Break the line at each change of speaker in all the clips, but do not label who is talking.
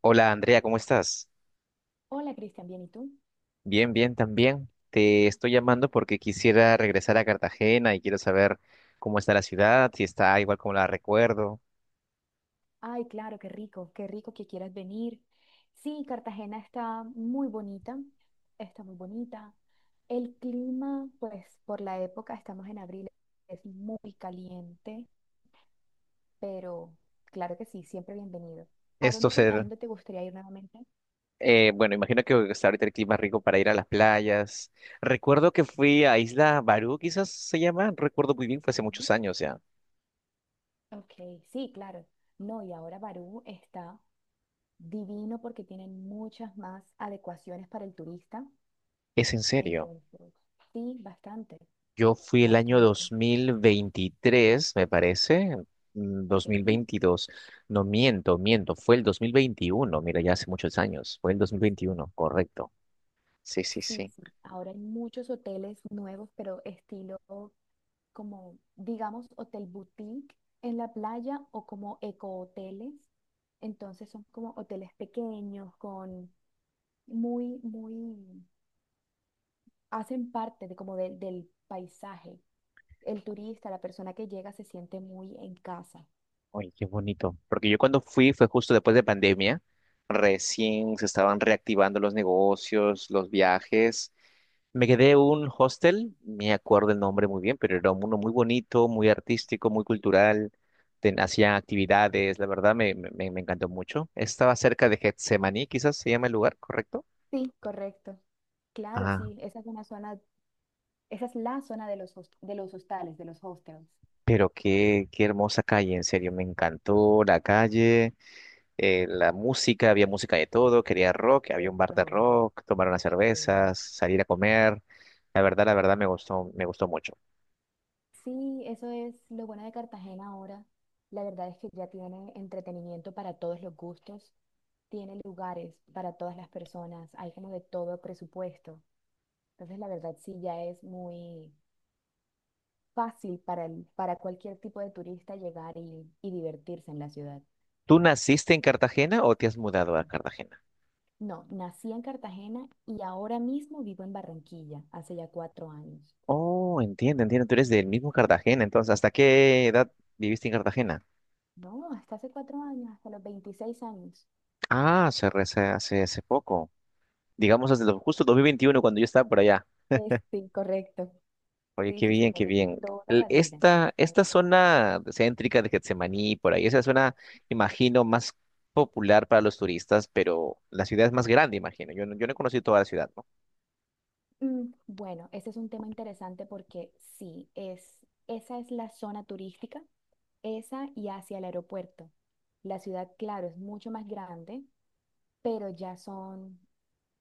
Hola Andrea, ¿cómo estás?
Hola Cristian, ¿bien y tú?
Bien, bien también. Te estoy llamando porque quisiera regresar a Cartagena y quiero saber cómo está la ciudad, si está igual como la recuerdo.
Ay, claro, qué rico que quieras venir. Sí, Cartagena está muy bonita, está muy bonita. El clima, pues por la época, estamos en abril, es muy caliente, pero claro que sí, siempre bienvenido. ¿A
Esto
dónde, a
se...
dónde te gustaría ir nuevamente?
bueno, imagino que está ahorita el clima rico para ir a las playas. Recuerdo que fui a Isla Barú, quizás se llama, no recuerdo muy bien, fue hace
Dime.
muchos años ya.
Ok, sí, claro. No, y ahora Barú está divino porque tienen muchas más adecuaciones para el turista.
¿Es en serio?
Entonces, sí, bastante,
Yo fui el año
bastante.
2023, me parece,
Ok,
2022. No miento, miento, fue el 2021. Mira, ya hace muchos años, fue el dos mil
sí,
veintiuno, correcto. Sí, sí,
sí,
sí.
sí. Ahora hay muchos hoteles nuevos, pero estilo como, digamos, hotel boutique en la playa o como ecohoteles. Entonces son como hoteles pequeños, con muy, muy, hacen parte de como del paisaje. El turista, la persona que llega, se siente muy en casa.
Oye, qué bonito. Porque yo cuando fui fue justo después de pandemia, recién se estaban reactivando los negocios, los viajes. Me quedé en un hostel, me acuerdo el nombre muy bien, pero era uno muy bonito, muy artístico, muy cultural. Hacían actividades, la verdad encantó mucho. Estaba cerca de Getsemaní, quizás se llama el lugar, ¿correcto?
Sí, correcto. Claro,
Ah,
sí, esa es una zona, esa es la zona de de los hostales, de los hostels.
pero qué hermosa calle, en serio, me encantó la calle, la música, había música de todo, quería rock, había un
De
bar de
todo.
rock, tomar unas
Sí.
cervezas, salir a comer. La verdad me gustó mucho.
Sí, eso es lo bueno de Cartagena ahora. La verdad es que ya tiene entretenimiento para todos los gustos, tiene lugares para todas las personas, hay como de todo presupuesto. Entonces, la verdad sí ya es muy fácil para cualquier tipo de turista llegar y divertirse en la ciudad.
¿Tú naciste en Cartagena o te has mudado a Cartagena?
No, nací en Cartagena y ahora mismo vivo en Barranquilla, hace ya 4 años.
Oh, entiendo, entiendo. Tú eres del mismo Cartagena, entonces, ¿hasta qué edad viviste en Cartagena?
No, hasta hace 4 años, hasta los 26 años.
Ah, hace, hace poco. Digamos, justo 2021, cuando yo estaba por allá.
Es, sí, correcto.
Oye,
Sí,
qué
sí, sí.
bien,
Lo
qué
viví
bien.
toda la vida. Mi
Esta, esta
familia también.
zona céntrica de Getsemaní, por ahí, esa zona, imagino, más popular para los turistas, pero la ciudad es más grande, imagino. Yo no, yo no he conocido toda la ciudad, ¿no?
Bueno, ese es un tema interesante porque sí, es, esa es la zona turística, esa y hacia el aeropuerto. La ciudad, claro, es mucho más grande, pero ya son,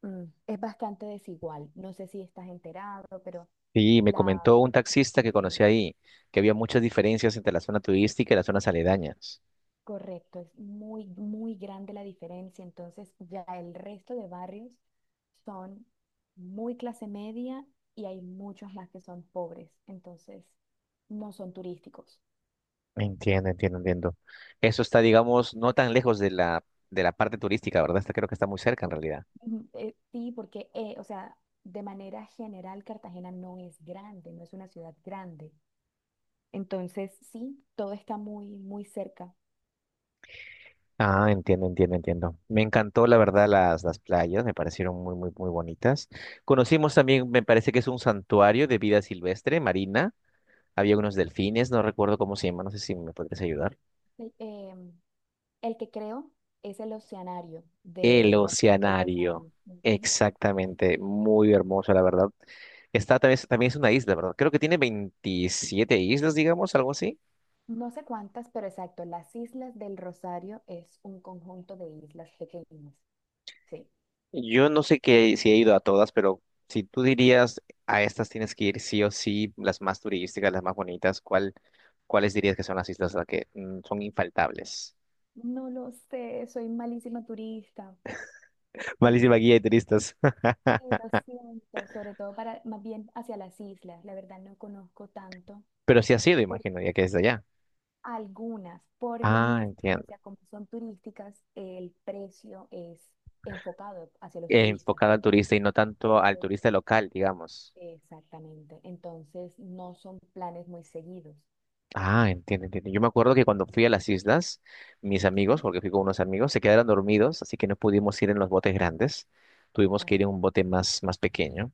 es bastante desigual. No sé si estás enterado, pero
Sí, me
la,
comentó un taxista que conocí ahí, que había muchas diferencias entre la zona turística y las zonas aledañas.
correcto, es muy, muy grande la diferencia. Entonces, ya el resto de barrios son muy clase media y hay muchos más que son pobres. Entonces, no son turísticos.
Entiendo, entiendo, entiendo. Eso está, digamos, no tan lejos de la parte turística, ¿verdad? Está, creo que está muy cerca en realidad.
Ujú. Sí, porque, o sea, de manera general, Cartagena no es grande, no es una ciudad grande. Entonces, sí, todo está muy, muy cerca.
Ah, entiendo, entiendo, entiendo. Me encantó, la verdad, las playas, me parecieron muy, muy, muy bonitas. Conocimos también, me parece que es un santuario de vida silvestre, marina. Había unos delfines, no recuerdo cómo se llama, no sé si me podrías ayudar.
El, em, el que creo es el Oceanario
El
de la zona del
oceanario,
Rosario. Ujú.
exactamente, muy hermoso, la verdad. Está también, también es una isla, ¿verdad? Creo que tiene 27 islas, digamos, algo así.
No sé cuántas, pero exacto, las Islas del Rosario es un conjunto de islas pequeñas. Sí.
Yo no sé qué, si he ido a todas, pero si tú dirías a estas tienes que ir sí o sí, las más turísticas, las más bonitas, ¿cuál, cuáles dirías que son las islas las que son infaltables?
No lo sé, soy malísima turista.
Malísima
Eh,
guía de turistas.
Sí, lo siento, sobre todo para más bien hacia las islas. La verdad no conozco tanto
Pero sí ha sido,
por
imagino, ya que es de allá.
algunas, por lo
Ah,
mismo, o
entiendo.
sea, como son turísticas, el precio es enfocado hacia los turistas.
Enfocada al turista y no tanto al
Entonces,
turista local, digamos.
exactamente. Entonces, no son planes muy seguidos.
Ah, entiendo, entiendo. Yo me acuerdo que cuando fui
Ujú.
a las islas, mis amigos,
¿Sí?
porque fui con unos amigos, se quedaron dormidos, así que no pudimos ir en los botes grandes. Tuvimos que ir
Ah,
en un bote más, más pequeño.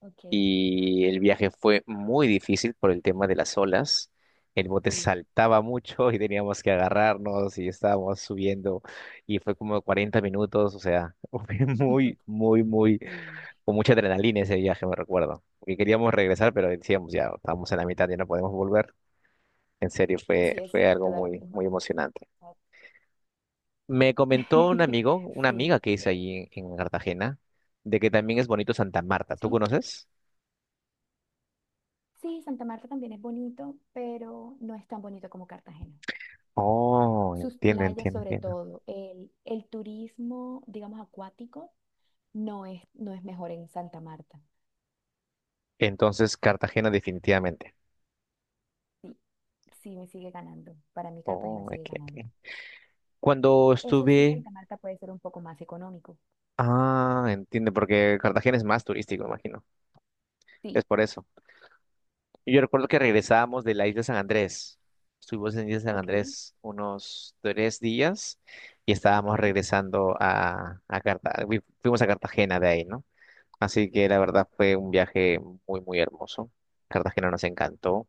ok.
Y el viaje fue muy difícil por el tema de las olas. El bote
Sí,
saltaba mucho y teníamos que agarrarnos y estábamos subiendo y fue como 40 minutos, o sea, fue muy, muy, muy,
sí.
con mucha adrenalina ese viaje, me recuerdo. Porque queríamos regresar, pero decíamos ya, estamos en la mitad, ya no podemos volver. En serio, fue,
Sí,
fue algo
exacto, da lo
muy,
mismo.
muy emocionante. Me comentó un amigo, una amiga
Sí,
que hice allí en Cartagena, de que también es bonito Santa Marta. ¿Tú
sí,
conoces?
sí, Santa Marta también es bonito, pero no es tan bonito como Cartagena.
Oh,
Sus
entiendo,
playas,
entiendo,
sobre
entiendo.
todo, el turismo, digamos, acuático, no es, no es mejor en Santa Marta.
Entonces, Cartagena definitivamente.
Sí, sí, me sigue ganando. Para mí, Cartagena
Oh,
sigue
aquí,
ganando.
aquí. Cuando
Eso sí,
estuve...
Santa Marta puede ser un poco más económico.
Ah, entiendo, porque Cartagena es más turístico, imagino.
Sí,
Es por eso. Yo recuerdo que regresábamos de la isla San Andrés. Estuvimos en la Isla San
ok,
Andrés unos 3 días y
ok,
estábamos regresando a Cartagena. Fuimos a Cartagena de ahí, ¿no? Así que la
ok.
verdad fue un viaje muy, muy hermoso. Cartagena nos encantó,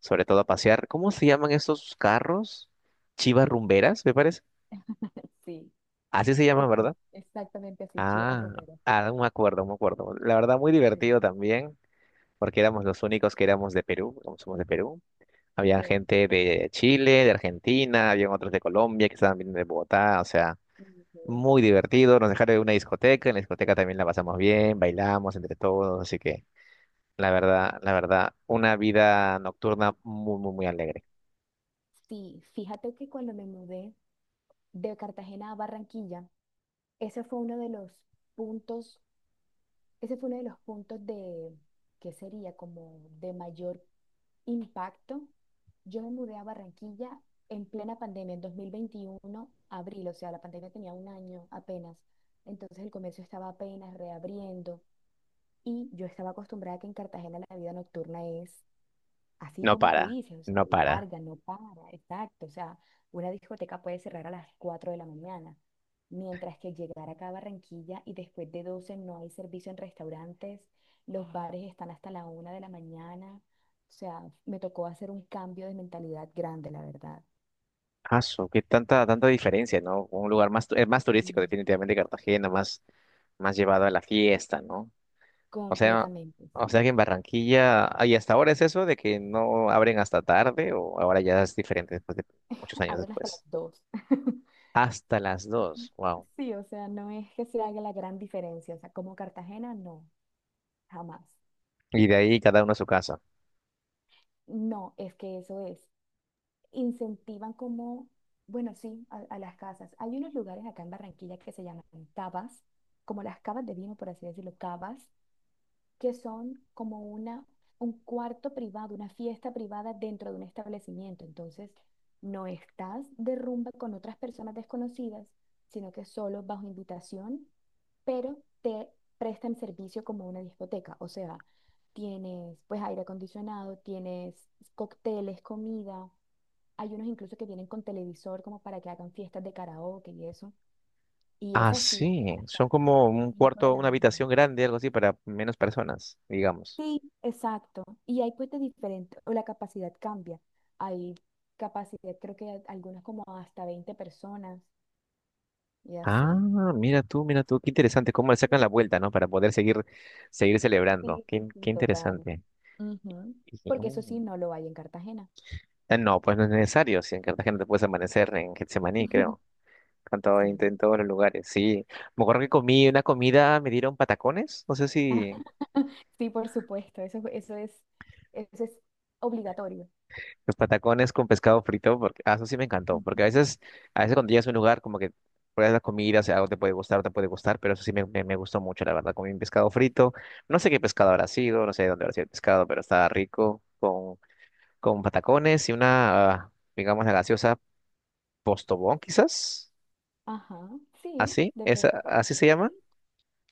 sobre todo a pasear. ¿Cómo se llaman estos carros? Chivas rumberas, me parece.
Sí,
Así se llama,
sí, sí,
¿verdad?
exactamente así, Chivas
Ah,
Rumbero.
ah, me acuerdo, me acuerdo. La verdad, muy
Sí.
divertido también, porque éramos los únicos que éramos de Perú, como somos de Perú. Había
Ok.
gente de Chile, de Argentina, habían otros de Colombia que estaban viniendo de Bogotá, o sea,
Ujú.
muy divertido. Nos dejaron en una discoteca, en la discoteca también la pasamos bien, bailamos entre todos, así que la verdad, una vida nocturna muy, muy, muy alegre.
Sí, fíjate que cuando me mudé de Cartagena a Barranquilla, ese fue uno de los puntos, ese fue uno de los puntos de, ¿qué sería? Como de mayor impacto. Yo me mudé a Barranquilla en plena pandemia, en 2021, abril, o sea, la pandemia tenía un año apenas. Entonces el comercio estaba apenas reabriendo y yo estaba acostumbrada a que en Cartagena la vida nocturna es así
No
como tú
para,
dices, o sea,
no para.
larga, no para, exacto. O sea, una discoteca puede cerrar a las 4 de la mañana, mientras que llegar acá a Barranquilla y después de 12 no hay servicio en restaurantes, los bares están hasta la 1 de la mañana. O sea, me tocó hacer un cambio de mentalidad grande, la verdad.
Aso, qué tanta, tanta diferencia, ¿no? Un lugar más, es más turístico,
Mm.
definitivamente Cartagena, más más llevado a la fiesta, ¿no? O sea,
Completamente,
o sea
sí.
que en Barranquilla, ah, ¿y hasta ahora es eso de que no abren hasta tarde o ahora ya es diferente después de muchos años
Abren hasta las
después?
2
Hasta las dos, wow.
Sí, o sea, no es que se haga la gran diferencia, o sea, como Cartagena, no, jamás.
Y de ahí cada uno a su casa.
No, es que eso es, incentivan como, bueno, sí, a las casas. Hay unos lugares acá en Barranquilla que se llaman cavas, como las cavas de vino, por así decirlo, cavas, que son como un cuarto privado, una fiesta privada dentro de un establecimiento. Entonces, no estás de rumba con otras personas desconocidas, sino que solo bajo invitación, pero te prestan servicio como una discoteca. O sea, tienes pues aire acondicionado, tienes cócteles, comida hay unos incluso que vienen con televisor como para que hagan fiestas de karaoke y eso. Y
Ah,
esa sí abre
sí,
hasta
son
las
como un
5 de
cuarto,
la
una
mañana.
habitación grande, algo así, para menos personas, digamos.
Sí, exacto. Y hay pues de diferente, o la capacidad cambia. Hay capacidad, creo que algunas como hasta 20 personas y
Ah,
así.
mira tú, qué interesante, cómo le sacan la vuelta, ¿no? Para poder seguir, seguir celebrando.
Sí, sí, sí,
Qué
total.
interesante.
Ujú.
Y, dije,
Porque eso sí, no lo hay en Cartagena.
ah, no, pues no es necesario, si en Cartagena te puedes amanecer en Getsemaní, creo. Cantado en
Sí.
todos los lugares, sí. Me acuerdo que comí una comida, me dieron patacones, no sé
Ah,
si
sí, por supuesto, eso, eso es obligatorio.
los patacones con pescado frito, porque ah, eso sí me encantó, porque
Ujú.
a veces cuando llegas a un lugar como que pruebas la comida, o sea, algo te puede gustar, pero eso sí me gustó mucho, la verdad, comí un pescado frito, no sé qué pescado habrá sido, no sé de dónde habrá sido el pescado, pero estaba rico, con patacones y una, ah, digamos, la gaseosa Postobón, quizás,
Ajá, sí,
así, esa,
depende.
así se llama.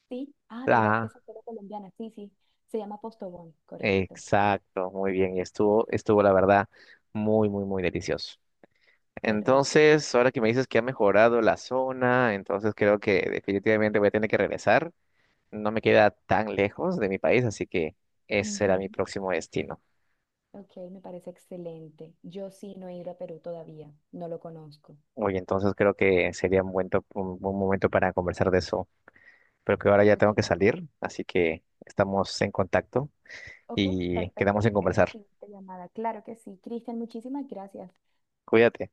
Sí, ah, ¿verdad que es acero colombiana? Sí, sí, se llama Postobón, correcto.
Exacto, muy bien. Y estuvo, estuvo la verdad muy, muy, muy delicioso.
Qué rico.
Entonces, ahora que me dices que ha mejorado la zona, entonces creo que definitivamente voy a tener que regresar. No me queda tan lejos de mi país, así que ese será mi
Ujú.
próximo destino.
Ok, me parece excelente. Yo sí no he ido a Perú todavía, no lo conozco.
Oye, entonces creo que sería un buen, un buen momento para conversar de eso. Pero que ahora ya
Ok,
tengo que salir, así que estamos en contacto
ok,
y
perfecto.
quedamos en
En una
conversar.
siguiente llamada. Claro que sí. Cristian, muchísimas gracias.
Cuídate.